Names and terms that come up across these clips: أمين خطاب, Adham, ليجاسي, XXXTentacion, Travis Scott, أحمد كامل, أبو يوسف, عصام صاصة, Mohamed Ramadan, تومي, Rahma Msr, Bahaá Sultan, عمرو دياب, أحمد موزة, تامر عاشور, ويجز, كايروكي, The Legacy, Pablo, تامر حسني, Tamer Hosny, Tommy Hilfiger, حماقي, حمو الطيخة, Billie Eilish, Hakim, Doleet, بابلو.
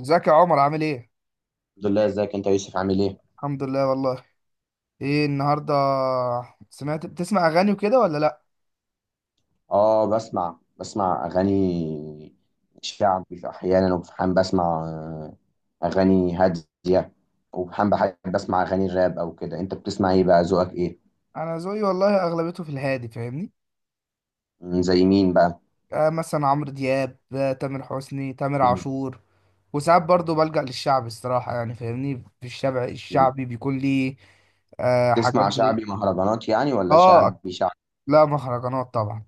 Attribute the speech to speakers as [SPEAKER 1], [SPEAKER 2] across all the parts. [SPEAKER 1] ازيك يا عمر، عامل ايه؟
[SPEAKER 2] الحمد لله. ازيك انت يا يوسف عامل ايه؟
[SPEAKER 1] الحمد لله والله. ايه النهارده؟ سمعت، بتسمع اغاني وكده ولا لا؟
[SPEAKER 2] اه، بسمع اغاني شعبي في احيانا، وفي حين بسمع اغاني هاديه، وفي حين بحب بسمع اغاني الراب او كده. انت بتسمع ايه بقى، ذوقك ايه؟
[SPEAKER 1] انا ذوقي والله اغلبيته في الهادي، فاهمني؟
[SPEAKER 2] زي مين بقى؟
[SPEAKER 1] آه، مثلا عمرو دياب، تامر حسني، تامر
[SPEAKER 2] مم،
[SPEAKER 1] عاشور. وساعات برضو بلجأ للشعب الصراحة، يعني، فاهمني؟ في الشعب
[SPEAKER 2] مم.
[SPEAKER 1] الشعبي بيكون لي آه،
[SPEAKER 2] بتسمع
[SPEAKER 1] حاجات زي،
[SPEAKER 2] شعبي مهرجانات يعني، ولا
[SPEAKER 1] اه،
[SPEAKER 2] شعبي شعبي؟
[SPEAKER 1] لا، مهرجانات طبعا.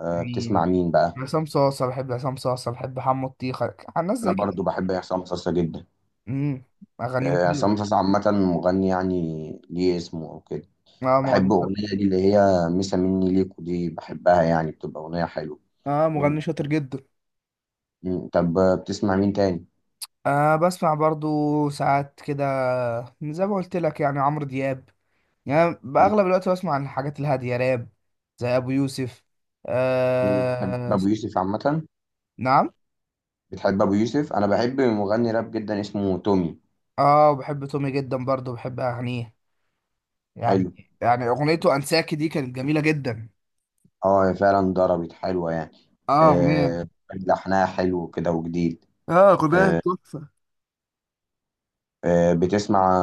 [SPEAKER 2] أه، بتسمع
[SPEAKER 1] يعني
[SPEAKER 2] مين بقى؟
[SPEAKER 1] عصام صاصة، بحب حمو الطيخة، الناس
[SPEAKER 2] انا
[SPEAKER 1] زي كده.
[SPEAKER 2] برضو بحب عصام صاصا جدا.
[SPEAKER 1] امم اغانيهم حلوة.
[SPEAKER 2] عصام صاصا عامه مغني يعني، ليه اسمه او كده.
[SPEAKER 1] اه،
[SPEAKER 2] بحب
[SPEAKER 1] مغني شاطر.
[SPEAKER 2] اغنيه دي اللي هي مسا مني ليكو دي، بحبها يعني، بتبقى اغنيه حلوه.
[SPEAKER 1] اه،
[SPEAKER 2] مم.
[SPEAKER 1] مغني شاطر جدا.
[SPEAKER 2] مم. طب بتسمع مين تاني؟
[SPEAKER 1] أه، بسمع برضو ساعات كده، زي ما قلت لك، يعني عمرو دياب. يعني
[SPEAKER 2] مم.
[SPEAKER 1] بأغلب الوقت بسمع عن الحاجات الهادية، راب، زي أبو يوسف.
[SPEAKER 2] مم. بتحب
[SPEAKER 1] أه.
[SPEAKER 2] أبو يوسف عامة؟
[SPEAKER 1] نعم.
[SPEAKER 2] بتحب أبو يوسف؟ أنا بحب مغني راب جدا اسمه تومي.
[SPEAKER 1] اه، بحب تومي جدا، برضو بحب أغانيه، يعني.
[SPEAKER 2] حلو.
[SPEAKER 1] يعني أغنيته أنساكي دي كانت جميلة جدا.
[SPEAKER 2] اه، هي فعلا ضربت، حلوة يعني.
[SPEAKER 1] اه أغنية
[SPEAKER 2] آه لحنها حلو كده وجديد.
[SPEAKER 1] اه، أغنية
[SPEAKER 2] آه.
[SPEAKER 1] تحفة.
[SPEAKER 2] بتسمع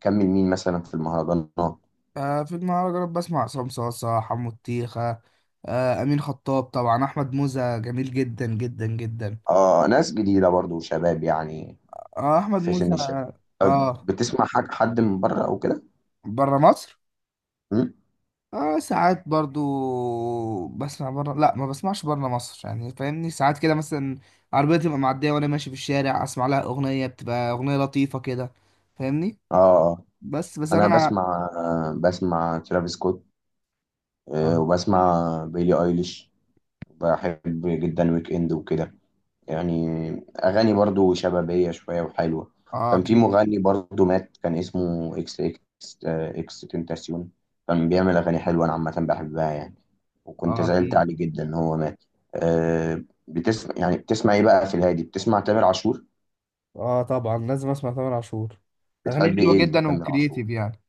[SPEAKER 2] كمل مين مثلا في المهرجانات؟
[SPEAKER 1] آه، في المهرجانات بسمع عصام صاصة، حمو الطيخة، أمين خطاب طبعا، أحمد موزة جميل جدا جدا جدا.
[SPEAKER 2] اه، ناس جديدة برضو، شباب يعني،
[SPEAKER 1] أحمد
[SPEAKER 2] في سن
[SPEAKER 1] موزة.
[SPEAKER 2] الشباب. طب
[SPEAKER 1] اه،
[SPEAKER 2] بتسمع حد من بره أو كده؟
[SPEAKER 1] بره مصر.
[SPEAKER 2] مم؟
[SPEAKER 1] اه، ساعات برضو بسمع بره، لا، ما بسمعش بره مصر، يعني، فاهمني؟ ساعات كده مثلا، عربية تبقى معدية وانا ماشي في الشارع اسمع لها اغنية، بتبقى اغنية لطيفة كده. فاهمني؟
[SPEAKER 2] اه، آه.
[SPEAKER 1] بس،
[SPEAKER 2] انا
[SPEAKER 1] انا.
[SPEAKER 2] بسمع ترافيس سكوت،
[SPEAKER 1] اه،
[SPEAKER 2] وبسمع بيلي ايليش. بحب جدا ويك اند وكده، يعني اغاني برضو شبابيه شويه وحلوه.
[SPEAKER 1] آه،
[SPEAKER 2] كان في
[SPEAKER 1] اكيد.
[SPEAKER 2] مغني برضو مات، كان اسمه اكس اكس اكس تنتاسيون. كان بيعمل اغاني حلوه، انا عامه بحبها يعني، وكنت
[SPEAKER 1] اه،
[SPEAKER 2] زعلت
[SPEAKER 1] اكيد.
[SPEAKER 2] عليه جدا ان هو مات. أه، يعني بتسمع ايه بقى في الهادي، بتسمع تامر عاشور؟
[SPEAKER 1] اه، طبعا لازم اسمع تامر عاشور. اغانيه
[SPEAKER 2] بتحب
[SPEAKER 1] حلوة
[SPEAKER 2] ايه
[SPEAKER 1] جدا
[SPEAKER 2] لتامر عاشور؟
[SPEAKER 1] وكرييتيف، يعني.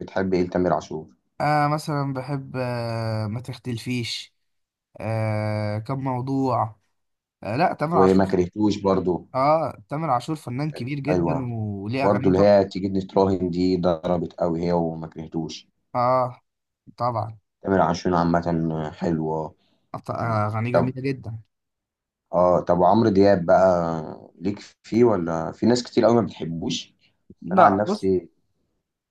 [SPEAKER 2] بتحب ايه لتامر عاشور؟
[SPEAKER 1] آه، مثلا بحب، آه، ما تختلفيش، آه، كم موضوع، آه، لا، تامر
[SPEAKER 2] وما
[SPEAKER 1] عاشور.
[SPEAKER 2] كرهتوش برضو،
[SPEAKER 1] اه، تامر عاشور فنان
[SPEAKER 2] كانت
[SPEAKER 1] كبير جدا
[SPEAKER 2] حلوه.
[SPEAKER 1] وليه
[SPEAKER 2] برضو
[SPEAKER 1] اغاني
[SPEAKER 2] اللي هي
[SPEAKER 1] تحفة.
[SPEAKER 2] تيجي نتراهن دي ضربت قوي، هي وما كرهتوش.
[SPEAKER 1] اه، طبعا.
[SPEAKER 2] تامر عاشور عامة حلوة.
[SPEAKER 1] أغانيه
[SPEAKER 2] طب،
[SPEAKER 1] جميلة جدا.
[SPEAKER 2] اه طب، وعمرو دياب بقى ليك فيه، ولا في ناس كتير قوي ما بتحبوش؟ انا عن
[SPEAKER 1] لا، بص،
[SPEAKER 2] نفسي.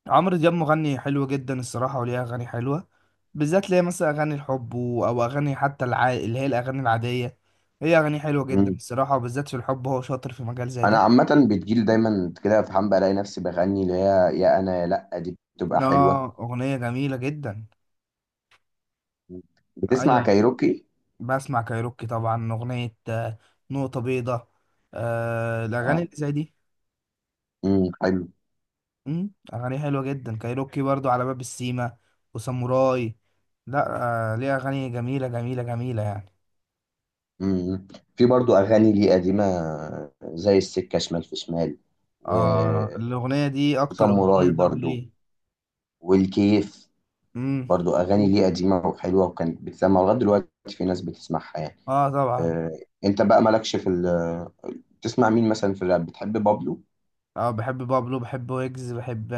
[SPEAKER 1] عمرو دياب مغني حلو جدا الصراحة، وليه أغاني حلوة، بالذات ليه مثلا أغاني الحب أو أغاني حتى اللي هي الأغاني العادية. هي أغاني حلوة جدا
[SPEAKER 2] مم.
[SPEAKER 1] الصراحة، وبالذات في الحب هو شاطر في مجال زي
[SPEAKER 2] انا
[SPEAKER 1] ده.
[SPEAKER 2] عامة بتجيلي دايما كده في حمام بلاقي نفسي بغني اللي هي يا انا يا لا دي، بتبقى حلوة.
[SPEAKER 1] آه، أغنية جميلة جدا.
[SPEAKER 2] مم. بتسمع
[SPEAKER 1] أيوة، أيوة.
[SPEAKER 2] كايروكي؟
[SPEAKER 1] بسمع كايروكي طبعا، أغنية نقطة بيضاء، آه، الأغاني
[SPEAKER 2] اه.
[SPEAKER 1] اللي زي دي.
[SPEAKER 2] حلو.
[SPEAKER 1] أغانيه حلوة جدا، كايروكي برضو على باب السيما وساموراي. لا، آه، ليه أغاني جميلة جميلة جميلة، يعني.
[SPEAKER 2] امم. في برضو اغاني لي قديمة، زي السكة شمال في شمال،
[SPEAKER 1] آه،
[SPEAKER 2] و-
[SPEAKER 1] الأغنية دي أكتر
[SPEAKER 2] وفم
[SPEAKER 1] أغنية
[SPEAKER 2] وراي
[SPEAKER 1] ضرب
[SPEAKER 2] برضو،
[SPEAKER 1] ليه.
[SPEAKER 2] والكيف.
[SPEAKER 1] مم.
[SPEAKER 2] برضو اغاني ليه قديمه وحلوه، وكانت بتسمع لغايه دلوقتي، في ناس بتسمعها يعني.
[SPEAKER 1] آه، طبعا.
[SPEAKER 2] آه، انت بقى مالكش في ال، بتسمع مين مثلا في الراب؟ بتحب بابلو؟
[SPEAKER 1] آه، بحب بابلو، بحب ويجز، بحب،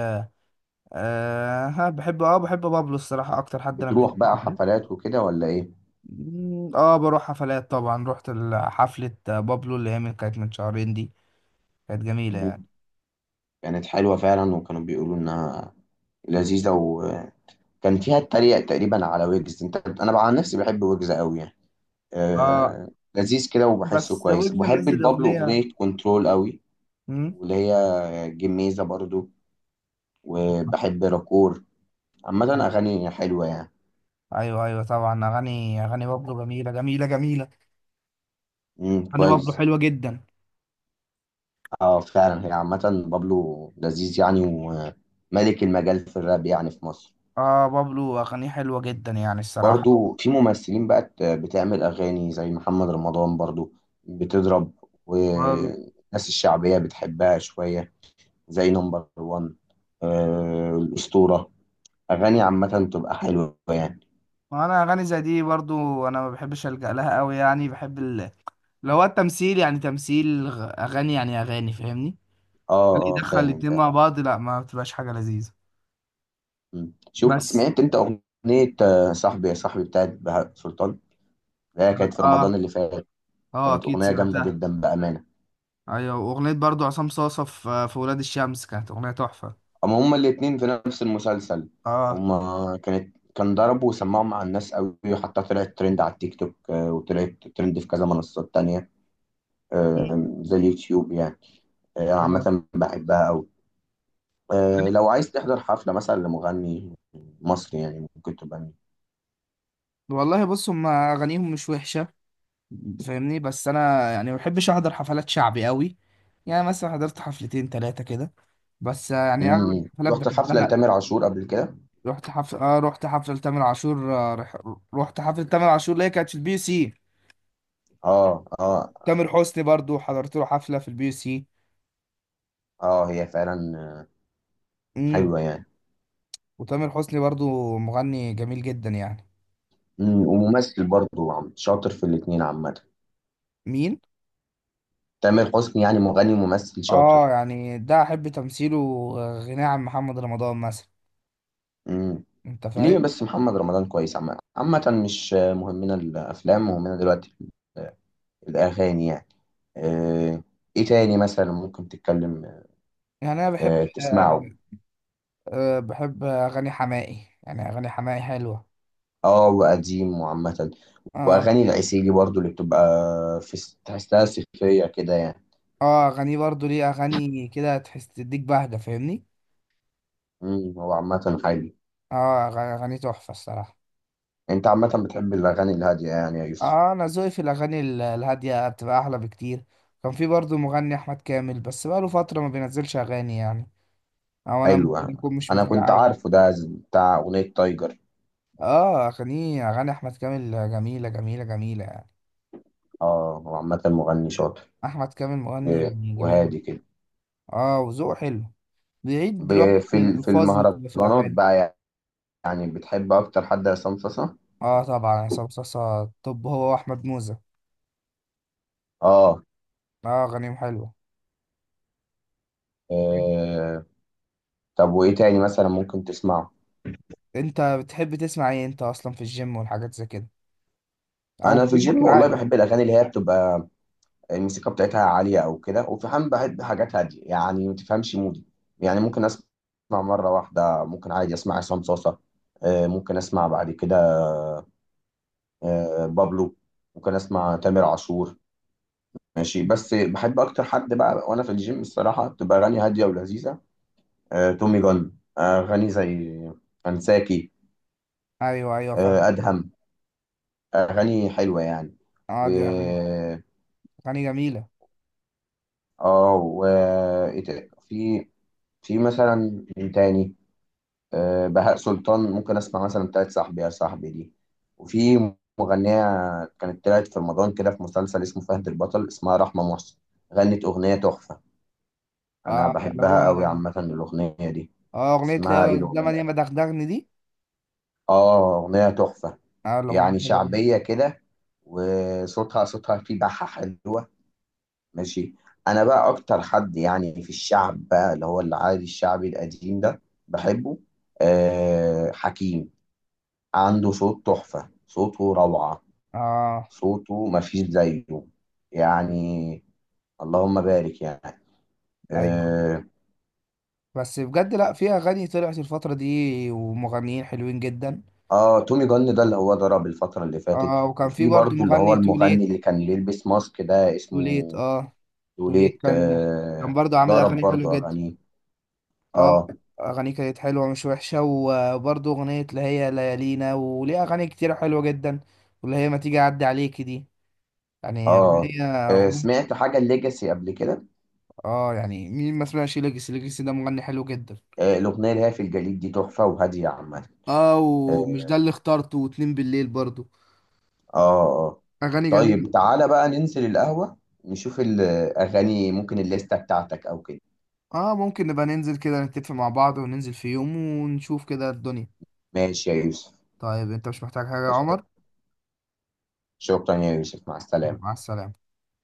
[SPEAKER 1] آه ها، بحب آه بحب بابلو الصراحة أكتر حد أنا
[SPEAKER 2] بتروح
[SPEAKER 1] بحبه في
[SPEAKER 2] بقى
[SPEAKER 1] الراب.
[SPEAKER 2] حفلات وكده ولا ايه؟
[SPEAKER 1] بروح حفلات طبعا، رحت حفلة بابلو اللي هي كانت من شهرين دي، كانت جميلة،
[SPEAKER 2] مم.
[SPEAKER 1] يعني.
[SPEAKER 2] كانت حلوه فعلا، وكانوا بيقولوا انها لذيذه، وكان فيها التريق تقريبا على ويجز. انت، انا بقى عن نفسي بحب ويجز قوي يعني،
[SPEAKER 1] آه.
[SPEAKER 2] آه، لذيذ كده، وبحسه
[SPEAKER 1] بس
[SPEAKER 2] كويس.
[SPEAKER 1] ويجز
[SPEAKER 2] بحب
[SPEAKER 1] منزل
[SPEAKER 2] بابلو،
[SPEAKER 1] أغنية.
[SPEAKER 2] اغنيه كنترول قوي،
[SPEAKER 1] مم.
[SPEAKER 2] واللي هي جميزه برضو. وبحب راكور، عامه اغاني حلوه يعني.
[SPEAKER 1] ايوه، ايوه، طبعا، اغاني بابلو جميله جميله جميله. اغاني بابلو
[SPEAKER 2] كويس.
[SPEAKER 1] حلوه جدا.
[SPEAKER 2] اه فعلا، هي عامة بابلو لذيذ يعني، وملك المجال في الراب يعني في مصر.
[SPEAKER 1] اه، بابلو اغانيه حلوه جدا، يعني الصراحه.
[SPEAKER 2] برضو في ممثلين بقت بتعمل أغاني، زي محمد رمضان برضو بتضرب،
[SPEAKER 1] وال-
[SPEAKER 2] والناس الشعبية بتحبها شوية، زي نمبر وان، الأسطورة، أغاني عامة بتبقى حلوة يعني.
[SPEAKER 1] وانا اغاني زي دي برضو، انا ما بحبش الجا لها قوي، يعني بحب اللي هو التمثيل، يعني تمثيل اغاني، يعني اغاني، فاهمني؟ اللي
[SPEAKER 2] اه اه،
[SPEAKER 1] يدخل
[SPEAKER 2] فاهم
[SPEAKER 1] الاتنين
[SPEAKER 2] فاهم.
[SPEAKER 1] مع بعض، لا، ما بتبقاش حاجه لذيذه.
[SPEAKER 2] مم. شفت
[SPEAKER 1] بس.
[SPEAKER 2] سمعت انت أغنية صاحبي يا صاحبي بتاعت بهاء سلطان، اللي هي كانت في رمضان
[SPEAKER 1] اه،
[SPEAKER 2] اللي فات؟
[SPEAKER 1] اه،
[SPEAKER 2] كانت
[SPEAKER 1] اكيد
[SPEAKER 2] أغنية جامدة
[SPEAKER 1] سمعتها.
[SPEAKER 2] جدا بأمان.
[SPEAKER 1] ايوه، واغنيه برضو عصام صاصه في ولاد الشمس كانت اغنيه تحفه.
[SPEAKER 2] اما هما الاتنين في نفس المسلسل،
[SPEAKER 1] اه.
[SPEAKER 2] هما كان ضرب، وسمعوا مع الناس قوي، وحتى طلعت ترند على التيك توك، وطلعت ترند في كذا منصات تانية، زي اليوتيوب يعني.
[SPEAKER 1] اه،
[SPEAKER 2] عامة بحبها قوي. لو عايز تحضر حفلة مثلا لمغني مصري يعني، ممكن تبقى مين؟
[SPEAKER 1] والله بص، هم اغانيهم مش وحشه، فاهمني، بس انا يعني ما بحبش احضر حفلات شعبي قوي. يعني مثلا حضرت حفلتين ثلاثه كده، بس يعني اغلب
[SPEAKER 2] مم.
[SPEAKER 1] الحفلات
[SPEAKER 2] رحت حفلة
[SPEAKER 1] بحبها.
[SPEAKER 2] لتامر عاشور قبل كده؟
[SPEAKER 1] رحت حفله تامر عاشور، رحت حفله تامر عاشور اللي هي كانت في البي يو سي.
[SPEAKER 2] اه اه.
[SPEAKER 1] تامر حسني برضو حضرت له حفله في البي يو سي.
[SPEAKER 2] اه هي فعلا
[SPEAKER 1] امم
[SPEAKER 2] حلوة يعني.
[SPEAKER 1] وتامر حسني برضو مغني جميل جدا، يعني.
[SPEAKER 2] مم. وممثل برضه شاطر في الاتنين عامة.
[SPEAKER 1] مين؟
[SPEAKER 2] تامر حسني يعني، مغني ممثل شاطر.
[SPEAKER 1] اه، يعني ده احب تمثيله، آه، غناه عن محمد رمضان مثلا.
[SPEAKER 2] مم.
[SPEAKER 1] انت
[SPEAKER 2] ليه
[SPEAKER 1] فاهم؟
[SPEAKER 2] بس، محمد رمضان كويس عامة مش مهمنا الأفلام، مهمنا دلوقتي ال- الأغاني يعني. آه، إيه تاني مثلا ممكن تتكلم
[SPEAKER 1] يعني انا بحب،
[SPEAKER 2] تسمعه؟
[SPEAKER 1] أه، بحب أغاني حماقي، يعني أغاني حماقي حلوة.
[SPEAKER 2] وقديم وعامة.
[SPEAKER 1] اه.
[SPEAKER 2] وأغاني العسيلي برضو اللي بتبقى، في تحسها صيفية كده يعني.
[SPEAKER 1] اه، أغانيه برضو ليه أغاني كده، تحس تديك بهجة، فاهمني؟
[SPEAKER 2] هو عامة حلو.
[SPEAKER 1] أغاني تحفة الصراحة.
[SPEAKER 2] أنت عامة بتحب الأغاني الهادية يعني يا يوسف.
[SPEAKER 1] اه، أنا ذوقي في الأغاني الهادية بتبقى أحلى بكتير. كان في برضو مغني أحمد كامل، بس بقاله فترة ما بينزلش أغاني، يعني. أو أنا
[SPEAKER 2] حلو
[SPEAKER 1] ممكن
[SPEAKER 2] يعني.
[SPEAKER 1] أكون مش
[SPEAKER 2] أنا
[SPEAKER 1] متابع
[SPEAKER 2] كنت
[SPEAKER 1] أوي.
[SPEAKER 2] عارفه ده، بتاع أغنية تايجر.
[SPEAKER 1] اه، أغاني أحمد كامل جميلة جميلة جميلة، يعني.
[SPEAKER 2] هو عامة مغني شاطر،
[SPEAKER 1] أحمد كامل مغني جميل.
[SPEAKER 2] وهادي كده.
[SPEAKER 1] اه، وذوقه حلو، بعيد دلوقتي
[SPEAKER 2] في
[SPEAKER 1] عن
[SPEAKER 2] في
[SPEAKER 1] الألفاظ اللي بتبقى في
[SPEAKER 2] المهرجانات
[SPEAKER 1] الأغاني.
[SPEAKER 2] بقى، يعني بتحب اكتر حد عصام صاصا؟
[SPEAKER 1] اه، طبعا عصام صاصا، طب هو واحمد موزة.
[SPEAKER 2] اه.
[SPEAKER 1] اه، غنيم حلوة.
[SPEAKER 2] آه، طب وايه تاني مثلا ممكن تسمعه؟
[SPEAKER 1] انت بتحب تسمع ايه انت اصلا في الجيم والحاجات زي كده، او
[SPEAKER 2] انا في
[SPEAKER 1] في يومك
[SPEAKER 2] الجيم والله
[SPEAKER 1] العادي؟
[SPEAKER 2] بحب الاغاني اللي هي بتبقى الموسيقى بتاعتها عاليه او كده، وفي حال بحب حاجات هاديه، يعني ما تفهمش مودي. يعني ممكن اسمع مره واحده ممكن عادي اسمع عصام صاصا، ممكن اسمع بعد كده بابلو، ممكن اسمع تامر عاشور، ماشي. بس بحب اكتر حد بقى وانا في الجيم الصراحه بتبقى اغاني هاديه ولذيذه، تومي جون، أغاني زي أنساكي،
[SPEAKER 1] ايوه، ايوه، فاهم.
[SPEAKER 2] أدهم، أغاني حلوة يعني.
[SPEAKER 1] اه،
[SPEAKER 2] و
[SPEAKER 1] دي اغاني، اغاني جميلة.
[SPEAKER 2] و إيه في، في مثلا مين تاني؟ بهاء سلطان ممكن أسمع مثلا، بتاعت صاحبي يا صاحبي دي. وفي مغنية كانت طلعت في رمضان كده، في مسلسل اسمه فهد البطل، اسمها رحمة مصر، غنت أغنية تحفة، أنا
[SPEAKER 1] اه، اللي هو
[SPEAKER 2] بحبها أوي عامة الأغنية دي.
[SPEAKER 1] اه، اغنية، لا،
[SPEAKER 2] اسمها
[SPEAKER 1] هو
[SPEAKER 2] إيه
[SPEAKER 1] الزمن
[SPEAKER 2] الأغنية؟
[SPEAKER 1] ياما دغدغني دي.
[SPEAKER 2] أغنية تحفة،
[SPEAKER 1] اه، الاغنية
[SPEAKER 2] يعني
[SPEAKER 1] حلوة جدا.
[SPEAKER 2] شعبية كده، وصوتها فيه بحة حلوة. ماشي. أنا بقى أكتر حد يعني في الشعب بقى اللي هو العادي الشعبي القديم ده، بحبه. حكيم، عنده صوت تحفة، صوته روعة،
[SPEAKER 1] اه،
[SPEAKER 2] صوته مفيش زيه يعني، اللهم بارك يعني.
[SPEAKER 1] ايوه،
[SPEAKER 2] اه.
[SPEAKER 1] بس بجد، لا، في اغاني طلعت الفترة دي ومغنيين حلوين جدا.
[SPEAKER 2] تومي جن ده اللي هو ضرب الفترة اللي فاتت.
[SPEAKER 1] اه، وكان في
[SPEAKER 2] وفي
[SPEAKER 1] برضو
[SPEAKER 2] برضو اللي هو
[SPEAKER 1] مغني تو
[SPEAKER 2] المغني
[SPEAKER 1] ليت.
[SPEAKER 2] اللي كان بيلبس ماسك ده،
[SPEAKER 1] تو ليت
[SPEAKER 2] اسمه
[SPEAKER 1] اه تو ليت
[SPEAKER 2] دوليت
[SPEAKER 1] كان
[SPEAKER 2] آه
[SPEAKER 1] برضو عامل
[SPEAKER 2] ضرب
[SPEAKER 1] اغاني حلوة
[SPEAKER 2] برضو
[SPEAKER 1] جدا.
[SPEAKER 2] أغانيه.
[SPEAKER 1] اه.
[SPEAKER 2] اه.
[SPEAKER 1] اغانيه كانت حلوه مش وحشه، وبرضه اغنيه اللي هي ليالينا، وليه اغاني كتير حلوه جدا، واللي هي ما تيجي اعدي عليكي دي، يعني هي
[SPEAKER 2] اه.
[SPEAKER 1] أغنية-
[SPEAKER 2] سمعت حاجة الليجاسي قبل كده؟
[SPEAKER 1] اه، يعني مين ما سمعش ليجاسي، ليجاسي ده مغني حلو جدا.
[SPEAKER 2] الأغنية اللي هي في الجليد دي، تحفة وهادية عامة.
[SPEAKER 1] اه، ومش
[SPEAKER 2] اه.
[SPEAKER 1] ده اللي اخترته واتنين بالليل برضه.
[SPEAKER 2] اه، آه.
[SPEAKER 1] اغاني
[SPEAKER 2] طيب
[SPEAKER 1] جميله.
[SPEAKER 2] تعالى بقى ننزل القهوة، نشوف الأغاني، ممكن الليستة بتاعتك أو كده.
[SPEAKER 1] اه، ممكن نبقى ننزل كده نتفق مع بعض وننزل في يوم ونشوف كده الدنيا.
[SPEAKER 2] ماشي يا يوسف.
[SPEAKER 1] طيب، انت مش محتاج حاجه يا عمر؟
[SPEAKER 2] شكرا يا يوسف، مع
[SPEAKER 1] مع
[SPEAKER 2] السلامة.
[SPEAKER 1] السلامه.